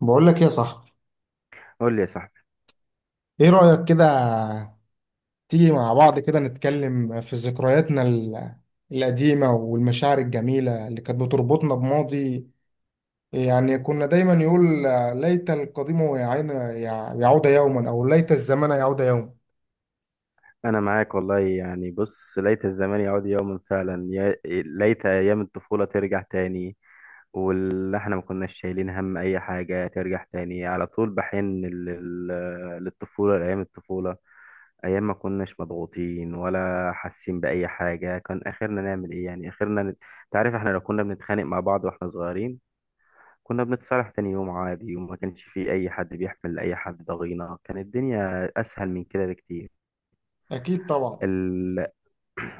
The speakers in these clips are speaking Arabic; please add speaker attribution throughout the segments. Speaker 1: بقول لك يا صاحبي،
Speaker 2: قول لي يا صاحبي.
Speaker 1: ايه رأيك كده؟ تيجي مع بعض كده نتكلم في ذكرياتنا القديمة والمشاعر الجميلة اللي كانت بتربطنا بماضي. يعني كنا دايما يقول ليت القديم يعين يعود يوما او ليت الزمن يعود يوما.
Speaker 2: انا معاك والله، يعني بص، ليت الزمان يعود يوما فعلا، يا ليت ايام الطفوله ترجع تاني. واللي احنا ما كناش شايلين هم اي حاجه ترجع تاني، على طول بحن للطفوله، لايام الطفوله. ايام ما كناش مضغوطين ولا حاسين باي حاجه، كان اخرنا نعمل ايه يعني، اخرنا تعرف احنا لو كنا بنتخانق مع بعض واحنا صغيرين، كنا بنتصالح تاني يوم عادي، وما كانش في اي حد بيحمل اي حد ضغينه. كانت الدنيا اسهل من كده بكتير.
Speaker 1: اكيد طبعا.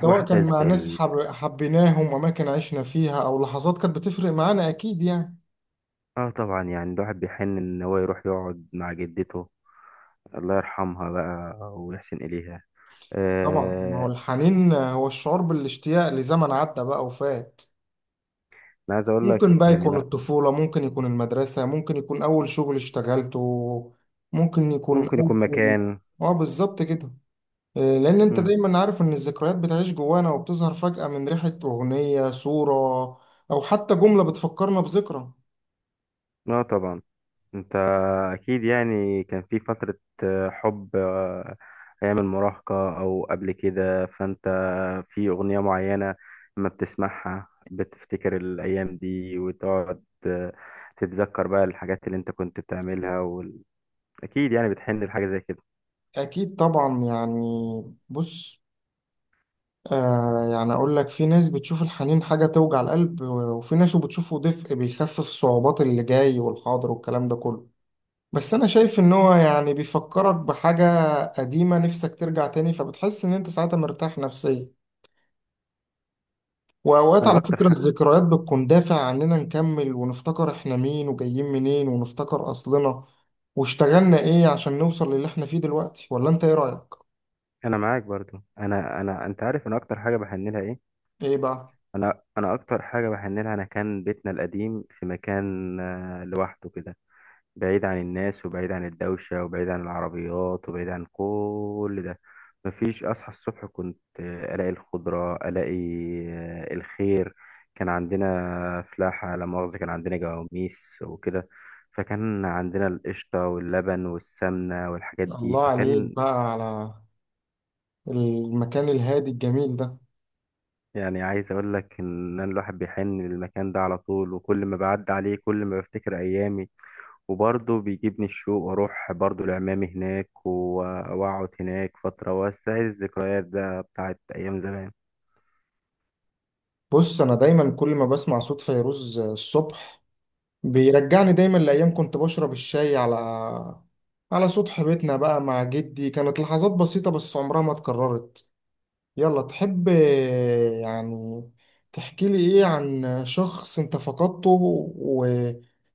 Speaker 1: سواء
Speaker 2: واحد
Speaker 1: كان
Speaker 2: از
Speaker 1: مع ناس
Speaker 2: ال...
Speaker 1: حبيناهم واماكن عشنا فيها او لحظات كانت بتفرق معانا اكيد يعني.
Speaker 2: اه طبعا، يعني الواحد بيحن ان هو يروح يقعد مع جدته، الله يرحمها بقى ويحسن اليها.
Speaker 1: طبعا ما هو
Speaker 2: آه...
Speaker 1: الحنين هو الشعور بالاشتياق لزمن عدى بقى وفات.
Speaker 2: انا عايز اقول لك
Speaker 1: ممكن بقى يكون
Speaker 2: إن
Speaker 1: الطفولة، ممكن يكون المدرسة، ممكن يكون أول شغل اشتغلته، ممكن يكون
Speaker 2: ممكن يكون
Speaker 1: أول…
Speaker 2: مكان.
Speaker 1: اه بالظبط كده. لأن أنت
Speaker 2: مم.
Speaker 1: دايما عارف إن الذكريات بتعيش جوانا وبتظهر فجأة من ريحة أغنية صورة أو حتى جملة بتفكرنا بذكرى.
Speaker 2: اه طبعا. انت اكيد يعني كان في فترة، حب، ايام المراهقة او قبل كده، فانت في اغنية معينة لما بتسمعها بتفتكر الايام دي وتقعد تتذكر بقى الحاجات اللي انت كنت بتعملها. اكيد يعني بتحن لحاجه زي كده.
Speaker 1: أكيد طبعا يعني. بص، يعني أقول لك في ناس بتشوف الحنين حاجة توجع القلب وفي ناس بتشوفه دفء بيخفف صعوبات اللي جاي والحاضر والكلام ده كله. بس انا شايف ان هو يعني بيفكرك بحاجة قديمة نفسك ترجع تاني، فبتحس ان انت ساعتها مرتاح نفسيا. واوقات
Speaker 2: انا
Speaker 1: على
Speaker 2: اكتر
Speaker 1: فكرة
Speaker 2: ح...
Speaker 1: الذكريات بتكون دافع عننا نكمل ونفتكر احنا مين وجايين منين، ونفتكر اصلنا واشتغلنا ايه عشان نوصل للي احنا فيه دلوقتي. ولا انت ايه رأيك؟
Speaker 2: انا معاك برضو. انا انت عارف انا اكتر حاجه بحن لها ايه؟
Speaker 1: ايه بقى؟
Speaker 2: انا اكتر حاجه بحن لها، انا كان بيتنا القديم في مكان لوحده كده، بعيد عن الناس، وبعيد عن الدوشه، وبعيد عن العربيات، وبعيد عن كل ده. مفيش، اصحى الصبح كنت الاقي الخضره، الاقي الخير. كان عندنا فلاحه لا مؤاخذه، كان عندنا جواميس وكده، فكان عندنا القشطة واللبن والسمنة والحاجات دي.
Speaker 1: الله عليك
Speaker 2: فكان
Speaker 1: بقى على المكان الهادي الجميل ده.
Speaker 2: يعني، عايز اقول لك ان أنا الواحد بيحن للمكان ده على طول، وكل ما بعدي عليه كل ما بفتكر ايامي، وبرضه بيجيبني الشوق واروح برضه لعمامي هناك، واقعد هناك فترة واستعيد الذكريات ده بتاعت ايام زمان.
Speaker 1: بص، انا دايما كل ما بسمع صوت فيروز الصبح بيرجعني دايما لأيام كنت بشرب الشاي على سطح بيتنا بقى مع جدي. كانت لحظات بسيطة بس عمرها ما اتكررت. يلا، تحب يعني تحكي لي ايه عن شخص انت فقدته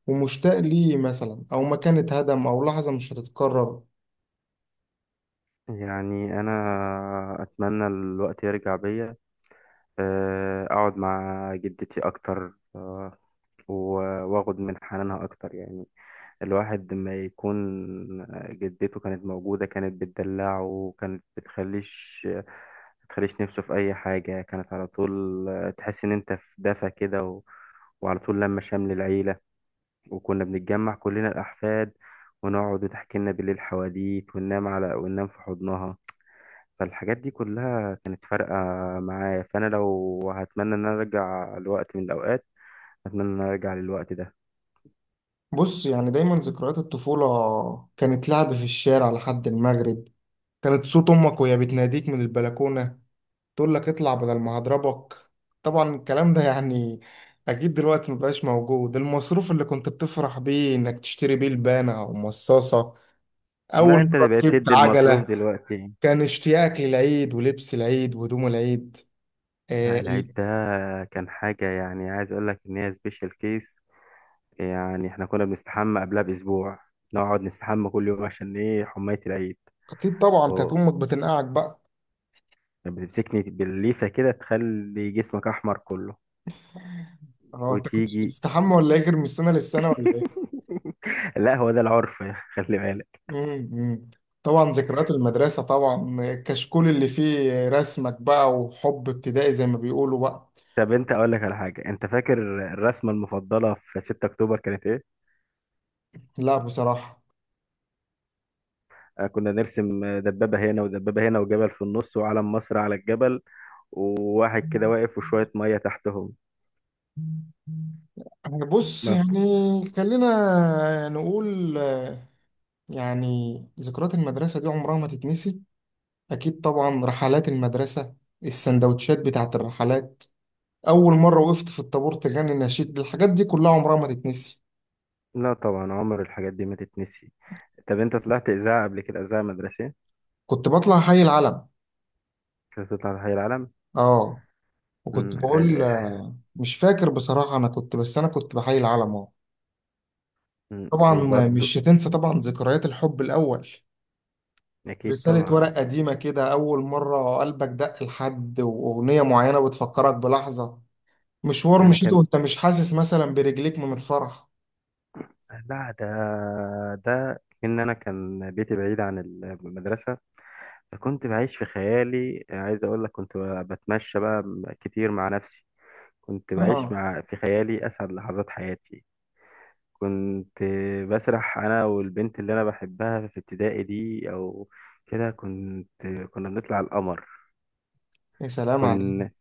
Speaker 1: ومشتاق ليه مثلا، او مكان اتهدم، او لحظة مش هتتكرر؟
Speaker 2: يعني انا اتمنى الوقت يرجع بيا اقعد مع جدتي اكتر، واخد من حنانها اكتر يعني. الواحد لما يكون جدته كانت موجودة، كانت بتدلعه وكانت بتخليش نفسه في أي حاجة، كانت على طول تحس إن أنت في دفى كده. وعلى طول لما شمل العيلة، وكنا بنتجمع كلنا الأحفاد، ونقعد وتحكي لنا بالليل حواديت، وننام على وننام في حضنها. فالحاجات دي كلها كانت فارقة معايا. فأنا لو هتمنى إن أنا أرجع لوقت من الأوقات، أتمنى إن أنا أرجع للوقت ده.
Speaker 1: بص، يعني دايما ذكريات الطفولة كانت لعب في الشارع لحد المغرب، كانت صوت امك وهي بتناديك من البلكونة تقول لك اطلع بدل ما هضربك. طبعا الكلام ده يعني اكيد دلوقتي مبقاش موجود. المصروف اللي كنت بتفرح بيه انك تشتري بيه لبانة او مصاصة، اول
Speaker 2: لا، أنت
Speaker 1: مرة
Speaker 2: اللي بقيت
Speaker 1: ركبت
Speaker 2: تدي المصروف
Speaker 1: عجلة،
Speaker 2: دلوقتي.
Speaker 1: كان اشتياقك للعيد ولبس العيد وهدوم العيد. آه،
Speaker 2: لا، العيد
Speaker 1: ال-
Speaker 2: ده كان حاجة، يعني عايز اقول لك ان هي سبيشال كيس. يعني احنا كنا بنستحمى قبلها باسبوع، نقعد نستحمى كل يوم عشان ايه، حماية العيد.
Speaker 1: اكيد طبعا، كانت
Speaker 2: اه،
Speaker 1: امك بتنقعك بقى.
Speaker 2: كانت بتمسكني بالليفة كده تخلي جسمك احمر كله.
Speaker 1: هو انت كنت
Speaker 2: وتيجي
Speaker 1: بتستحمى ولا ايه، غير من السنة للسنة ولا ايه؟
Speaker 2: لا، هو ده العرف. خلي بالك.
Speaker 1: مم، مم. طبعا ذكريات المدرسة، طبعا الكشكول اللي فيه رسمك بقى وحب ابتدائي زي ما بيقولوا بقى.
Speaker 2: طب انت اقول لك على حاجة، انت فاكر الرسمة المفضلة في 6 اكتوبر كانت ايه؟
Speaker 1: لا بصراحة.
Speaker 2: كنا نرسم دبابة هنا ودبابة هنا وجبل في النص وعلم مصر على الجبل، وواحد كده واقف وشوية مية تحتهم.
Speaker 1: يعني بص، يعني خلينا نقول، يعني ذكريات المدرسة دي عمرها ما تتنسي. أكيد طبعا رحلات المدرسة، السندوتشات بتاعت الرحلات، أول مرة وقفت في الطابور تغني النشيد، الحاجات دي كلها عمرها ما تتنسي.
Speaker 2: لا طبعا، عمر الحاجات دي ما تتنسي. طب انت طلعت اذاعه قبل كده، اذاعه مدرسيه؟
Speaker 1: كنت بطلع حي العلم.
Speaker 2: كنت تطلع تحيي العلم.
Speaker 1: اه. وكنت
Speaker 2: مم،
Speaker 1: بقول،
Speaker 2: عايز-
Speaker 1: مش فاكر بصراحة، أنا كنت، بس أنا كنت بحي العلم، اه. طبعا
Speaker 2: وبرضو.
Speaker 1: مش هتنسى طبعا ذكريات الحب الأول.
Speaker 2: اكيد
Speaker 1: رسالة
Speaker 2: طبعا.
Speaker 1: ورق قديمة كده، أول مرة قلبك دق لحد، وأغنية معينة بتفكرك بلحظة، مشوار
Speaker 2: انا
Speaker 1: مشيته
Speaker 2: كان،
Speaker 1: وأنت مش حاسس مثلا برجليك من الفرح.
Speaker 2: لا، ده ان انا كان بيتي بعيد عن المدرسه، فكنت بعيش في خيالي. عايز اقول لك كنت بتمشى بقى كتير مع نفسي. كنت بعيش
Speaker 1: آه.
Speaker 2: في خيالي اسعد لحظات حياتي. كنت بسرح انا والبنت اللي انا بحبها في ابتدائي دي، او كده. كنت، كنا بنطلع القمر.
Speaker 1: يا سلام عليك.
Speaker 2: كنت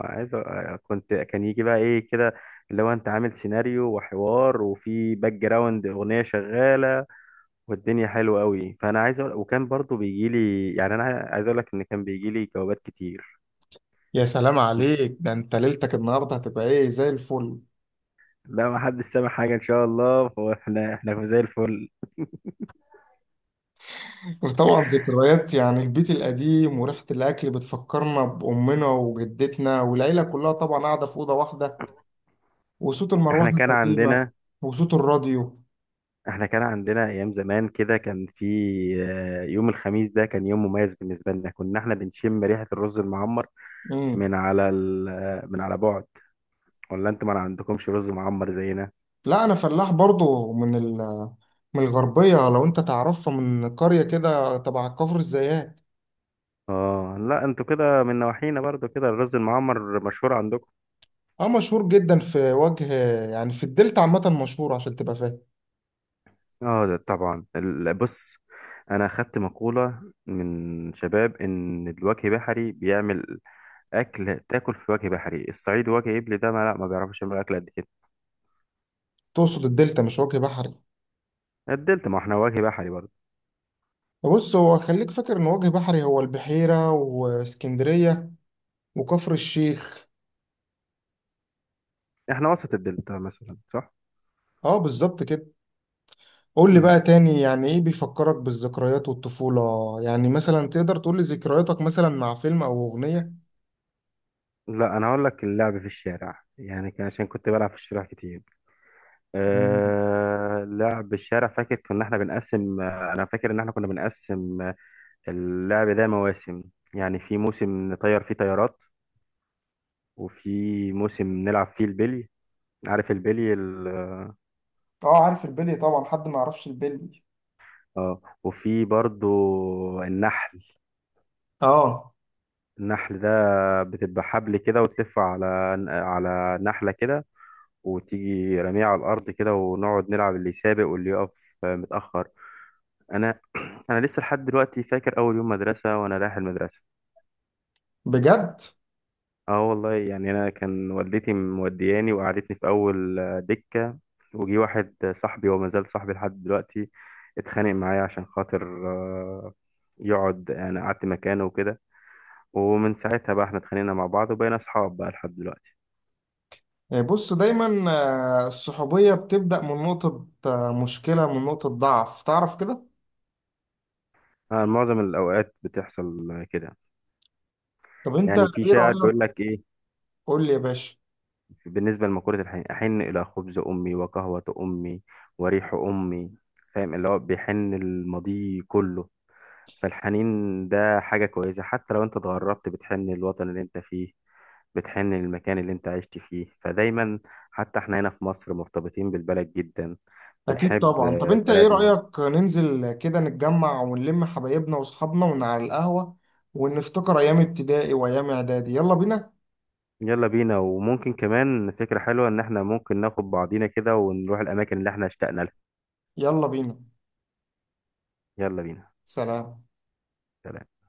Speaker 2: كنت كان يجي بقى ايه كده، اللي هو انت عامل سيناريو وحوار، وفي باك جراوند اغنيه شغاله والدنيا حلوه قوي. فانا عايز أقول، وكان برضو بيجي لي، يعني انا عايز اقول لك ان كان بيجي لي جوابات كتير.
Speaker 1: يا سلام عليك، ده أنت ليلتك النهاردة هتبقى إيه، زي الفل.
Speaker 2: لا ما حدش سامع حاجه ان شاء الله، فاحنا زي الفل.
Speaker 1: وطبعا ذكريات يعني البيت القديم وريحة الأكل بتفكرنا بأمنا وجدتنا والعيلة كلها، طبعا قاعدة في أوضة واحدة، وصوت المروحة
Speaker 2: احنا كان
Speaker 1: القديمة
Speaker 2: عندنا
Speaker 1: وصوت الراديو.
Speaker 2: احنا كان عندنا ايام زمان كده. كان في، يوم الخميس ده كان يوم مميز بالنسبه لنا، كنا احنا بنشم ريحه الرز المعمر
Speaker 1: مم.
Speaker 2: من على بعد. ولا انتوا ما عندكمش رز معمر زينا؟
Speaker 1: لا انا فلاح برضو من الغربيه، لو انت تعرفها، من قريه كده تبع كفر الزيات.
Speaker 2: اه لا، انتوا كده من نواحينا برضو، كده الرز المعمر مشهور عندكم.
Speaker 1: اه مشهور جدا في وجه، يعني في الدلتا عامه مشهور عشان تبقى فاهم.
Speaker 2: اه، ده طبعا بص، انا اخدت مقوله من شباب ان الوجه بحري بيعمل اكل تاكل، في وجه بحري. الصعيد وجه ابلي ده ما لا ما بيعرفش يعمل اكل قد كده.
Speaker 1: تقصد الدلتا مش وجه بحري؟
Speaker 2: قدلت ما احنا وجه بحري برضو.
Speaker 1: بص، هو خليك فاكر ان وجه بحري هو البحيره واسكندريه وكفر الشيخ.
Speaker 2: احنا وسط الدلتا مثلا، صح؟
Speaker 1: اه بالظبط كده. قول لي
Speaker 2: مم.
Speaker 1: بقى تاني، يعني ايه بيفكرك بالذكريات والطفوله؟ يعني مثلا تقدر تقول لي ذكرياتك مثلا مع فيلم او اغنيه؟
Speaker 2: لا، انا هقول لك اللعب في الشارع، يعني كان عشان كنت بلعب في الشارع كتير.
Speaker 1: مم.
Speaker 2: أه، لعب الشارع، فاكر كنا احنا بنقسم آه، انا فاكر ان احنا كنا بنقسم اللعب ده مواسم. يعني في موسم نطير فيه طيارات، وفي موسم نلعب فيه البلي. عارف البلي
Speaker 1: اه عارف البلي طبعا، حد ما يعرفش البلي؟
Speaker 2: اه وفي برضو النحل.
Speaker 1: اه.
Speaker 2: النحل ده بتبقى حبل كده وتلفه على، على نحلة كده، وتيجي رميه على الارض كده ونقعد نلعب، اللي يسابق واللي يقف متاخر. انا انا لسه لحد دلوقتي فاكر اول يوم مدرسه وانا رايح المدرسه.
Speaker 1: بجد؟
Speaker 2: اه والله، يعني انا كان والدتي مودياني وقعدتني في اول دكه، وجي واحد صاحبي، وما زال صاحبي لحد دلوقتي، اتخانق معايا عشان خاطر يقعد، يعني قعدت مكانه وكده. ومن ساعتها بقى احنا اتخانقنا مع بعض وبقينا اصحاب بقى لحد دلوقتي.
Speaker 1: يعني بص، دايما الصحوبية بتبدأ من نقطة، مشكلة، من نقطة ضعف، تعرف كده.
Speaker 2: معظم الاوقات بتحصل كده.
Speaker 1: طب انت
Speaker 2: يعني في
Speaker 1: ايه
Speaker 2: شاعر
Speaker 1: رأيك؟
Speaker 2: بيقول لك إيه؟
Speaker 1: قول لي يا باشا.
Speaker 2: بالنسبة لمقولة الحين: أحن إلى خبز أمي وقهوة أمي وريح أمي. فاهم، اللي هو بيحن الماضي كله. فالحنين ده حاجة كويسة، حتى لو أنت اتغربت بتحن الوطن اللي أنت فيه، بتحن المكان اللي أنت عشت فيه. فدايما حتى إحنا هنا في مصر مرتبطين بالبلد جدا،
Speaker 1: اكيد
Speaker 2: بنحب
Speaker 1: طبعا. طب انت ايه
Speaker 2: بلدنا.
Speaker 1: رأيك ننزل كده نتجمع ونلم حبايبنا واصحابنا ون على القهوة ونفتكر ايام ابتدائي وايام اعدادي؟ يلا بينا.
Speaker 2: يلا بينا. وممكن كمان فكرة حلوة إن إحنا ممكن ناخد بعضينا كده ونروح الأماكن اللي إحنا اشتقنا لها.
Speaker 1: يلا بينا.
Speaker 2: يلا بينا.
Speaker 1: سلام.
Speaker 2: سلام.